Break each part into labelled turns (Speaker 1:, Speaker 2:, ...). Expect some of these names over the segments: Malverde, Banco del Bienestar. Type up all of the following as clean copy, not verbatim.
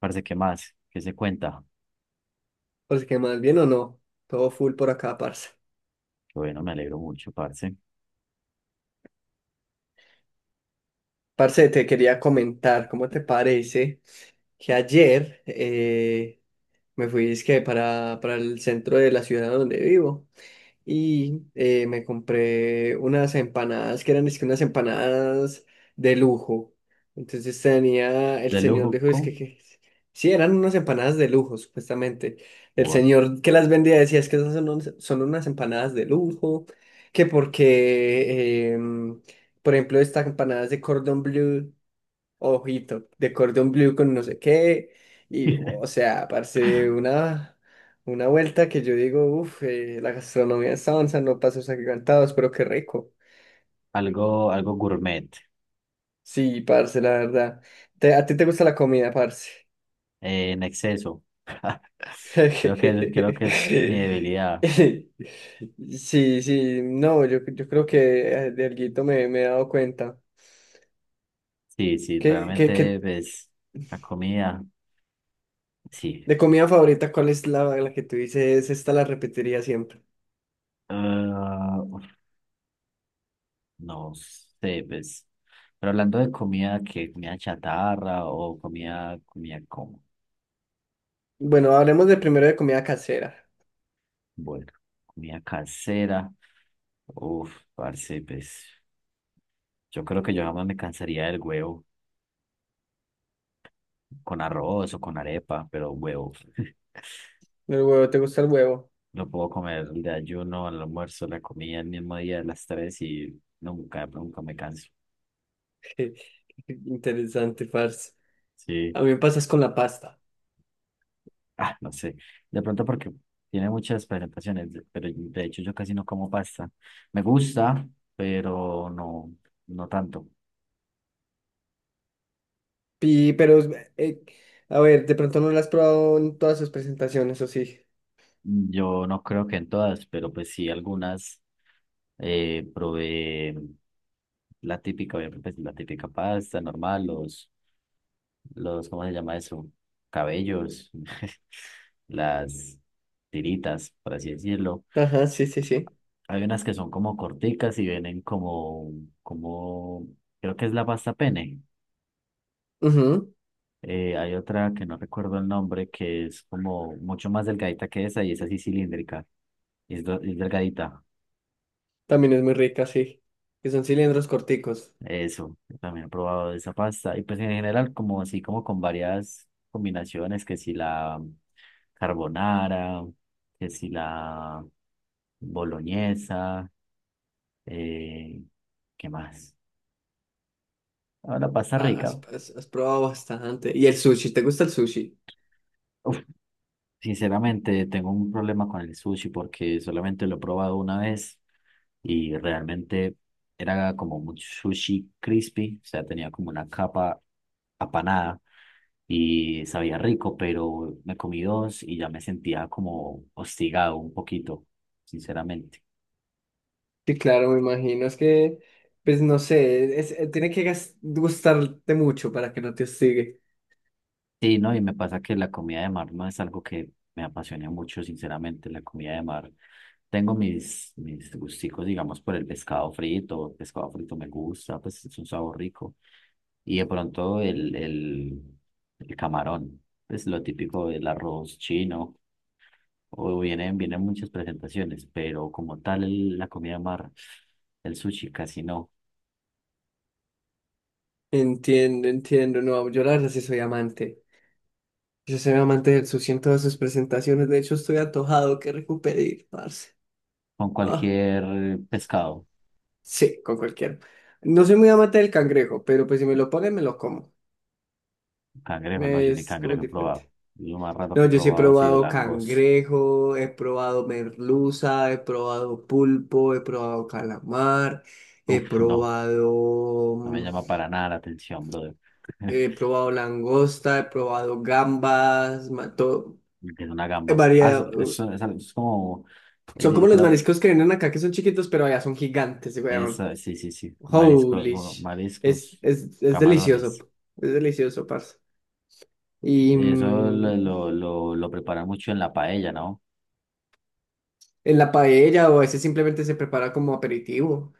Speaker 1: Parce, ¿qué más? ¿Qué se cuenta?
Speaker 2: O sea que más bien o no, todo full por acá, parce.
Speaker 1: Que bueno, me alegro mucho, parce.
Speaker 2: Parce, te quería comentar, ¿cómo te parece que ayer me fui dizque, para el centro de la ciudad donde vivo? Y me compré unas empanadas que eran es que unas empanadas de lujo. Entonces tenía, el
Speaker 1: De
Speaker 2: señor
Speaker 1: lujo
Speaker 2: dijo, es que,
Speaker 1: con
Speaker 2: sí, eran unas empanadas de lujo, supuestamente. El
Speaker 1: what?
Speaker 2: señor que las vendía decía, es que esas son, son unas empanadas de lujo, que porque, por ejemplo, estas empanadas de cordon bleu ojito, de cordón blue con no sé qué, y o sea, parce, una vuelta que yo digo, uff, la gastronomía de onza, no pasos agigantados, pero qué rico.
Speaker 1: Algo, algo gourmet,
Speaker 2: Sí, parce, la verdad. ¿A ti te gusta la comida, parce?
Speaker 1: en exceso. Creo que es mi debilidad.
Speaker 2: Sí, sí, no, yo creo que de alguito me he dado cuenta.
Speaker 1: Sí, sí,
Speaker 2: ¿Qué, qué,
Speaker 1: realmente
Speaker 2: qué-
Speaker 1: ves la comida, sí.
Speaker 2: de comida favorita, ¿cuál es la que tú dices? Esta la repetiría siempre.
Speaker 1: Ah, uf, no sé, pues. Pero hablando de comida, ¿qué? ¿Comida chatarra o comida, comida como?
Speaker 2: Bueno, hablemos de primero de comida casera.
Speaker 1: Bueno, comida casera. Uf, parce, pues. Yo creo que yo jamás me cansaría del huevo con arroz o con arepa, pero huevo.
Speaker 2: El huevo, ¿te gusta el huevo?
Speaker 1: Lo puedo comer el ayuno el almuerzo, la comida el mismo día a las tres y nunca, nunca me canso.
Speaker 2: Interesante, parce.
Speaker 1: Sí,
Speaker 2: A mí me pasas con la pasta.
Speaker 1: ah, no sé. De pronto porque tiene muchas presentaciones, pero de hecho yo casi no como pasta. Me gusta, pero no, no tanto.
Speaker 2: Y pero, eh, a ver, de pronto no lo has probado en todas sus presentaciones, ¿o sí?
Speaker 1: Yo no creo que en todas, pero pues sí algunas probé la típica, obviamente, pues, la típica pasta normal, los, ¿cómo se llama eso? Cabellos, las tiritas, por así decirlo.
Speaker 2: Ajá, sí, sí, sí.
Speaker 1: Hay unas que son como corticas y vienen como, como, creo que es la pasta pene.
Speaker 2: Ujú.
Speaker 1: Hay otra que no recuerdo el nombre que es como mucho más delgadita que esa y es así cilíndrica, y es, es delgadita.
Speaker 2: También es muy rica, sí. Que son cilindros corticos.
Speaker 1: Eso, yo también he probado esa pasta. Y pues en general como así como con varias combinaciones que si la carbonara, que si la boloñesa, eh, ¿qué más? Ahora pasta
Speaker 2: Ah,
Speaker 1: rica.
Speaker 2: has probado bastante. ¿Y el sushi? ¿Te gusta el sushi?
Speaker 1: Uf, sinceramente tengo un problema con el sushi porque solamente lo he probado una vez y realmente era como un sushi crispy, o sea, tenía como una capa apanada y sabía rico, pero me comí dos y ya me sentía como hostigado un poquito, sinceramente.
Speaker 2: Sí, claro, me imagino. Es que, pues no sé, tiene que gustarte mucho para que no te hostigue.
Speaker 1: Sí, no, y me pasa que la comida de mar no es algo que me apasiona mucho, sinceramente, la comida de mar. Tengo mis gusticos, digamos, por el pescado frito me gusta, pues es un sabor rico. Y de pronto el camarón, pues lo típico del arroz chino, o vienen, vienen muchas presentaciones, pero como tal la comida de mar, el sushi casi no,
Speaker 2: Entiendo, entiendo. No, yo la verdad sí soy amante. Yo soy amante del sushi en todas sus presentaciones. De hecho, estoy antojado que recupere ir, parce.
Speaker 1: con
Speaker 2: Ah,
Speaker 1: cualquier pescado.
Speaker 2: sí, con cualquiera. No soy muy amante del cangrejo, pero pues si me lo ponen, me lo como.
Speaker 1: Cangrejo, no, yo ni
Speaker 2: Es como
Speaker 1: cangrejo he
Speaker 2: diferente.
Speaker 1: probado. Lo más raro que
Speaker 2: No,
Speaker 1: he
Speaker 2: yo sí he
Speaker 1: probado ha sido
Speaker 2: probado
Speaker 1: langosta.
Speaker 2: cangrejo, he probado merluza, he probado pulpo, he probado calamar, he
Speaker 1: Uf, no,
Speaker 2: probado,
Speaker 1: no me llama para nada la atención, brother.
Speaker 2: he probado langosta, he probado gambas, todo,
Speaker 1: Es una
Speaker 2: he
Speaker 1: gamba. Ah, eso,
Speaker 2: variado.
Speaker 1: eso es como,
Speaker 2: Son como los
Speaker 1: creo,
Speaker 2: mariscos que vienen acá, que son chiquitos, pero allá son gigantes, weón.
Speaker 1: eso, sí, sí, sí, marisco,
Speaker 2: Holy
Speaker 1: bueno,
Speaker 2: sh- Es,
Speaker 1: mariscos,
Speaker 2: es, es delicioso,
Speaker 1: camarones.
Speaker 2: es delicioso, parce. Y
Speaker 1: Eso lo, lo, lo, lo preparan mucho en la paella, ¿no?
Speaker 2: en la paella o a veces simplemente se prepara como aperitivo,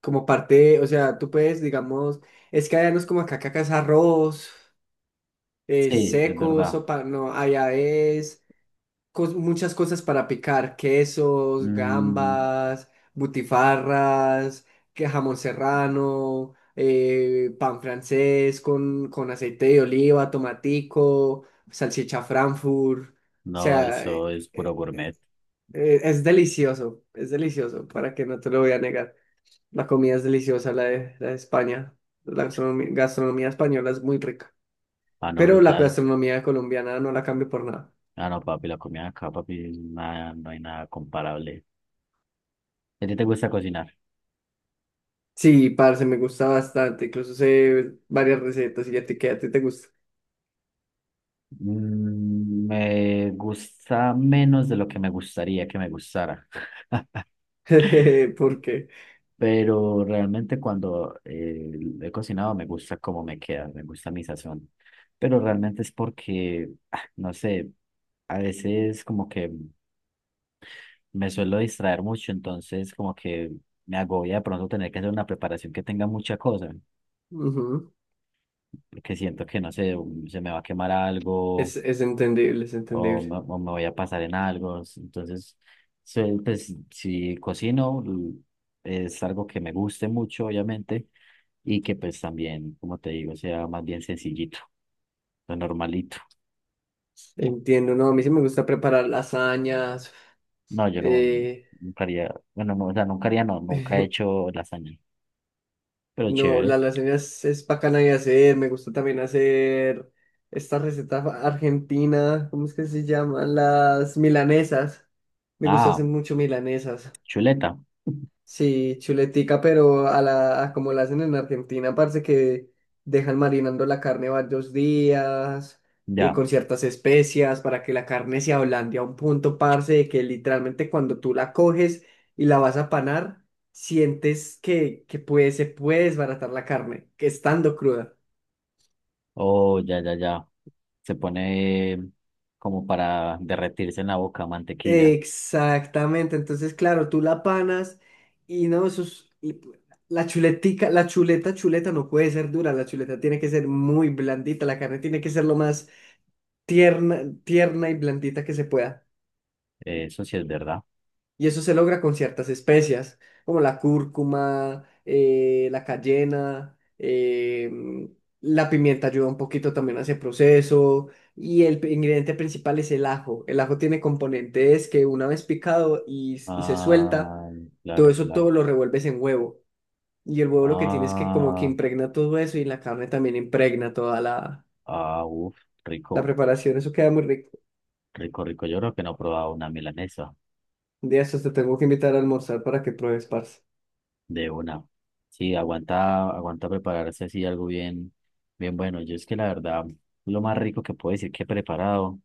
Speaker 2: como parte, o sea, tú puedes, digamos, es que allá no es como acá, que acá es arroz,
Speaker 1: Sí, es
Speaker 2: seco,
Speaker 1: verdad.
Speaker 2: sopa, no, allá es muchas cosas para picar, quesos,
Speaker 1: Mm,
Speaker 2: gambas, butifarras, que jamón serrano, pan francés con, aceite de oliva, tomatico, salchicha Frankfurt. O
Speaker 1: no,
Speaker 2: sea,
Speaker 1: eso es puro gourmet.
Speaker 2: es delicioso, para que no te lo voy a negar. La comida es deliciosa, la de España. La gastronomía española es muy rica,
Speaker 1: Ah, no,
Speaker 2: pero la
Speaker 1: brutal.
Speaker 2: gastronomía colombiana no la cambio por nada.
Speaker 1: Ah, no, papi, la comida acá, papi, nada, no hay nada comparable. ¿A ti te gusta cocinar?
Speaker 2: Sí, parce, me gusta bastante. Incluso sé varias recetas y ya te queda, a ti te gusta.
Speaker 1: Mm, me gusta menos de lo que me gustaría que me gustara,
Speaker 2: Porque
Speaker 1: pero realmente cuando he cocinado me gusta cómo me queda, me gusta mi sazón, pero realmente es porque, ah, no sé, a veces como que me suelo distraer mucho, entonces como que me agobia de pronto tener que hacer una preparación que tenga mucha cosa,
Speaker 2: ujú,
Speaker 1: porque siento que, no sé, se me va a quemar algo
Speaker 2: es entendible, es
Speaker 1: o
Speaker 2: entendible.
Speaker 1: o me voy a pasar en algo. Entonces, pues si cocino, es algo que me guste mucho, obviamente, y que pues también, como te digo, sea más bien sencillito, lo normalito.
Speaker 2: Entiendo, no, a mí sí me gusta preparar lasañas.
Speaker 1: No, yo no,
Speaker 2: eh,
Speaker 1: nunca haría, bueno, no, o sea, nunca haría, no, nunca he hecho lasaña, pero
Speaker 2: no,
Speaker 1: chévere.
Speaker 2: las lasañas es bacana de hacer. Me gusta también hacer esta receta argentina, ¿cómo es que se llaman? Las milanesas. Me gusta hacer
Speaker 1: Ah,
Speaker 2: mucho milanesas.
Speaker 1: chuleta,
Speaker 2: Sí, chuletica, pero a como la hacen en Argentina, parece que dejan marinando la carne varios días,
Speaker 1: ya,
Speaker 2: con ciertas especias, para que la carne se ablande a un punto, parce, de que literalmente cuando tú la coges y la vas a panar, sientes que se puede desbaratar la carne, que estando cruda.
Speaker 1: oh, ya, ya, ya. Se pone como para derretirse en la boca mantequilla.
Speaker 2: Exactamente, entonces claro, tú la panas y no, la chuleta no puede ser dura, la chuleta tiene que ser muy blandita, la carne tiene que ser lo más tierna, tierna y blandita que se pueda.
Speaker 1: Eso sí es verdad.
Speaker 2: Y eso se logra con ciertas especias, como la cúrcuma, la cayena, la pimienta ayuda un poquito también a ese proceso. Y el ingrediente principal es el ajo. El ajo tiene componentes que una vez picado y se suelta,
Speaker 1: Ah,
Speaker 2: todo
Speaker 1: claro,
Speaker 2: eso
Speaker 1: claro.
Speaker 2: todo lo revuelves en huevo. Y el huevo lo que tiene es que como que
Speaker 1: Ah,
Speaker 2: impregna todo eso y la carne también impregna toda la,
Speaker 1: ah, uf,
Speaker 2: la
Speaker 1: rico,
Speaker 2: preparación. Eso queda muy rico.
Speaker 1: rico, rico. Yo creo que no he probado una milanesa
Speaker 2: De eso te tengo que invitar a almorzar para que pruebes, parce.
Speaker 1: de una. Sí, aguanta, aguanta prepararse así algo bien, bien bueno. Yo es que la verdad, lo más rico que puedo decir que he preparado,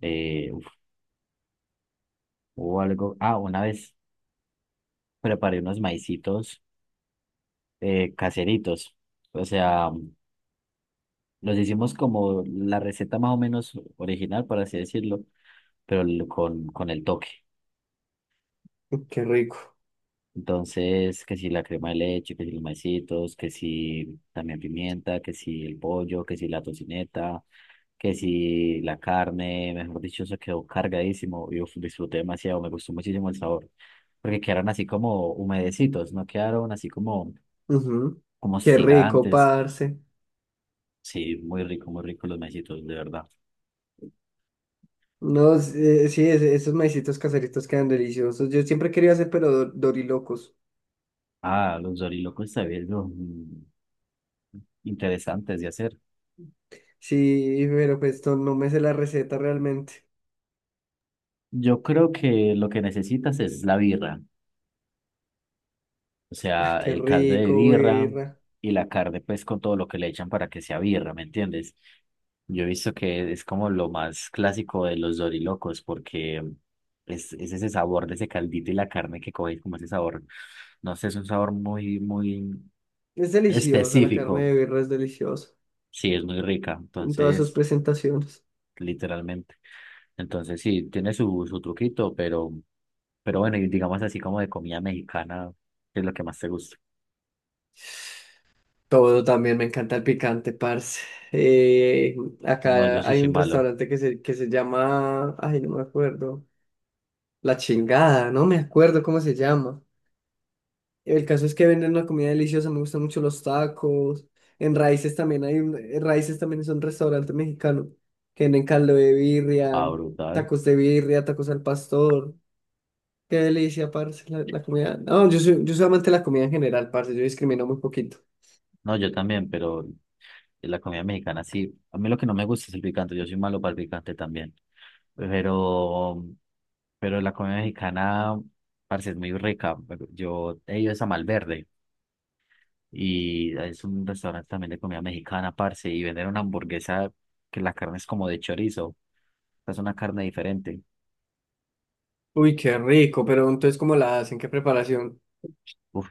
Speaker 1: uf, hubo algo. Ah, una vez preparé unos maicitos caseritos. O sea, los hicimos como la receta más o menos original, por así decirlo, pero con el toque.
Speaker 2: Qué rico.
Speaker 1: Entonces, que si la crema de leche, que si los maicitos, que si también pimienta, que si el pollo, que si la tocineta, que si la carne, mejor dicho, se quedó cargadísimo. Yo disfruté demasiado, me gustó muchísimo el sabor, porque quedaron así como humedecitos, no quedaron así como,
Speaker 2: Ujú.
Speaker 1: como
Speaker 2: Qué rico,
Speaker 1: gigantes.
Speaker 2: parce.
Speaker 1: Sí, muy rico los maicitos, de verdad.
Speaker 2: No, sí, esos maicitos caseritos quedan deliciosos. Yo siempre quería hacer, pero dorilocos.
Speaker 1: Ah, los dorilocos también son interesantes de hacer.
Speaker 2: Sí, pero pues no me sé la receta realmente.
Speaker 1: Yo creo que lo que necesitas es la birra. O sea,
Speaker 2: Qué
Speaker 1: el caldo de
Speaker 2: rico,
Speaker 1: birra
Speaker 2: birra.
Speaker 1: y la carne, pues con todo lo que le echan para que sea birra, ¿me entiendes? Yo he visto que es como lo más clásico de los dorilocos, porque es ese sabor de ese caldito y la carne que coge, como ese sabor, no sé, es un sabor muy
Speaker 2: Es deliciosa, la carne
Speaker 1: específico.
Speaker 2: de birra es deliciosa.
Speaker 1: Sí, es muy rica,
Speaker 2: En todas sus
Speaker 1: entonces,
Speaker 2: presentaciones.
Speaker 1: literalmente. Entonces, sí, tiene su truquito, pero bueno, y digamos así como de comida mexicana, ¿qué es lo que más te gusta?
Speaker 2: Todo también, me encanta el picante, parce. Eh,
Speaker 1: No, yo
Speaker 2: Acá
Speaker 1: sí
Speaker 2: hay
Speaker 1: soy
Speaker 2: un
Speaker 1: malo.
Speaker 2: restaurante que se, llama, ay, no me acuerdo, La Chingada, no me acuerdo cómo se llama. El caso es que venden una comida deliciosa, me gustan mucho los tacos. En Raíces también en Raíces también es un restaurante mexicano que venden caldo
Speaker 1: Ah, brutal.
Speaker 2: de birria, tacos al pastor. Qué delicia, parce, la comida. No, yo soy amante de la comida en general, parce, yo discrimino muy poquito.
Speaker 1: No, yo también, pero la comida mexicana sí. A mí lo que no me gusta es el picante. Yo soy malo para el picante también. Pero, pero la comida mexicana, parece es muy rica. Yo he ido es a Malverde y es un restaurante también de comida mexicana, parce, y venden una hamburguesa que la carne es como de chorizo. O sea, es una carne diferente.
Speaker 2: Uy, qué rico, pero entonces, ¿cómo la hacen? ¿Qué preparación?
Speaker 1: Uf,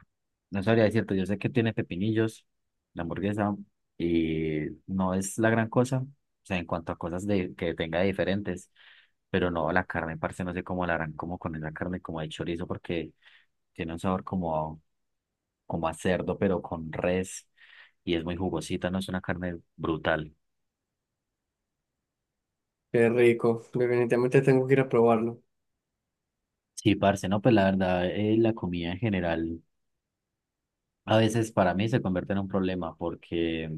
Speaker 1: no sabría decirte, yo sé que tiene pepinillos, la hamburguesa, y no es la gran cosa, o sea, en cuanto a cosas de, que tenga diferentes, pero no, la carne, parce, no sé cómo la harán, como con esa carne, como de chorizo, porque tiene un sabor como, como a cerdo, pero con res, y es muy jugosita, no es una carne brutal.
Speaker 2: Qué rico, definitivamente tengo que ir a probarlo.
Speaker 1: Sí, parce, no, pues la verdad, la comida en general a veces para mí se convierte en un problema, porque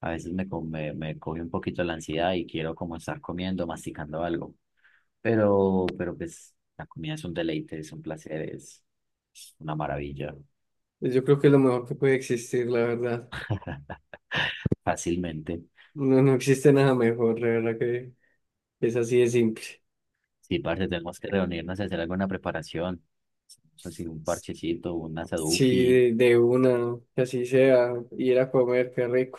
Speaker 1: a veces me coge un poquito la ansiedad y quiero como estar comiendo, masticando algo. Pero pues la comida es un deleite, es un placer, es una maravilla.
Speaker 2: Yo creo que es lo mejor que puede existir, la verdad.
Speaker 1: Fácilmente.
Speaker 2: No, no existe nada mejor, la verdad que es así de simple.
Speaker 1: Sí, parce, tenemos que reunirnos y hacer alguna preparación. No sé si un parchecito, un asaduki,
Speaker 2: Sí, de una, que así sea, ir a comer, qué rico.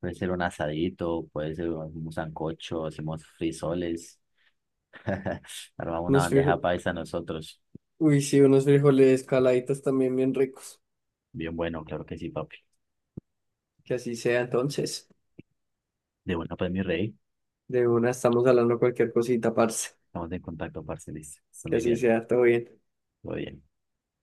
Speaker 1: puede ser un asadito, puede ser un sancocho, hacemos frisoles. Armamos una
Speaker 2: Unos
Speaker 1: bandeja
Speaker 2: frijoles,
Speaker 1: paisa nosotros.
Speaker 2: uy, sí, unos frijoles caladitos también bien ricos,
Speaker 1: Bien bueno, claro que sí, papi.
Speaker 2: que así sea entonces.
Speaker 1: De bueno, pues mi rey,
Speaker 2: De una estamos hablando cualquier cosita, parce,
Speaker 1: estamos en contacto, parce, listo. Está
Speaker 2: que
Speaker 1: muy
Speaker 2: así
Speaker 1: bien.
Speaker 2: sea, todo bien.
Speaker 1: Muy bien.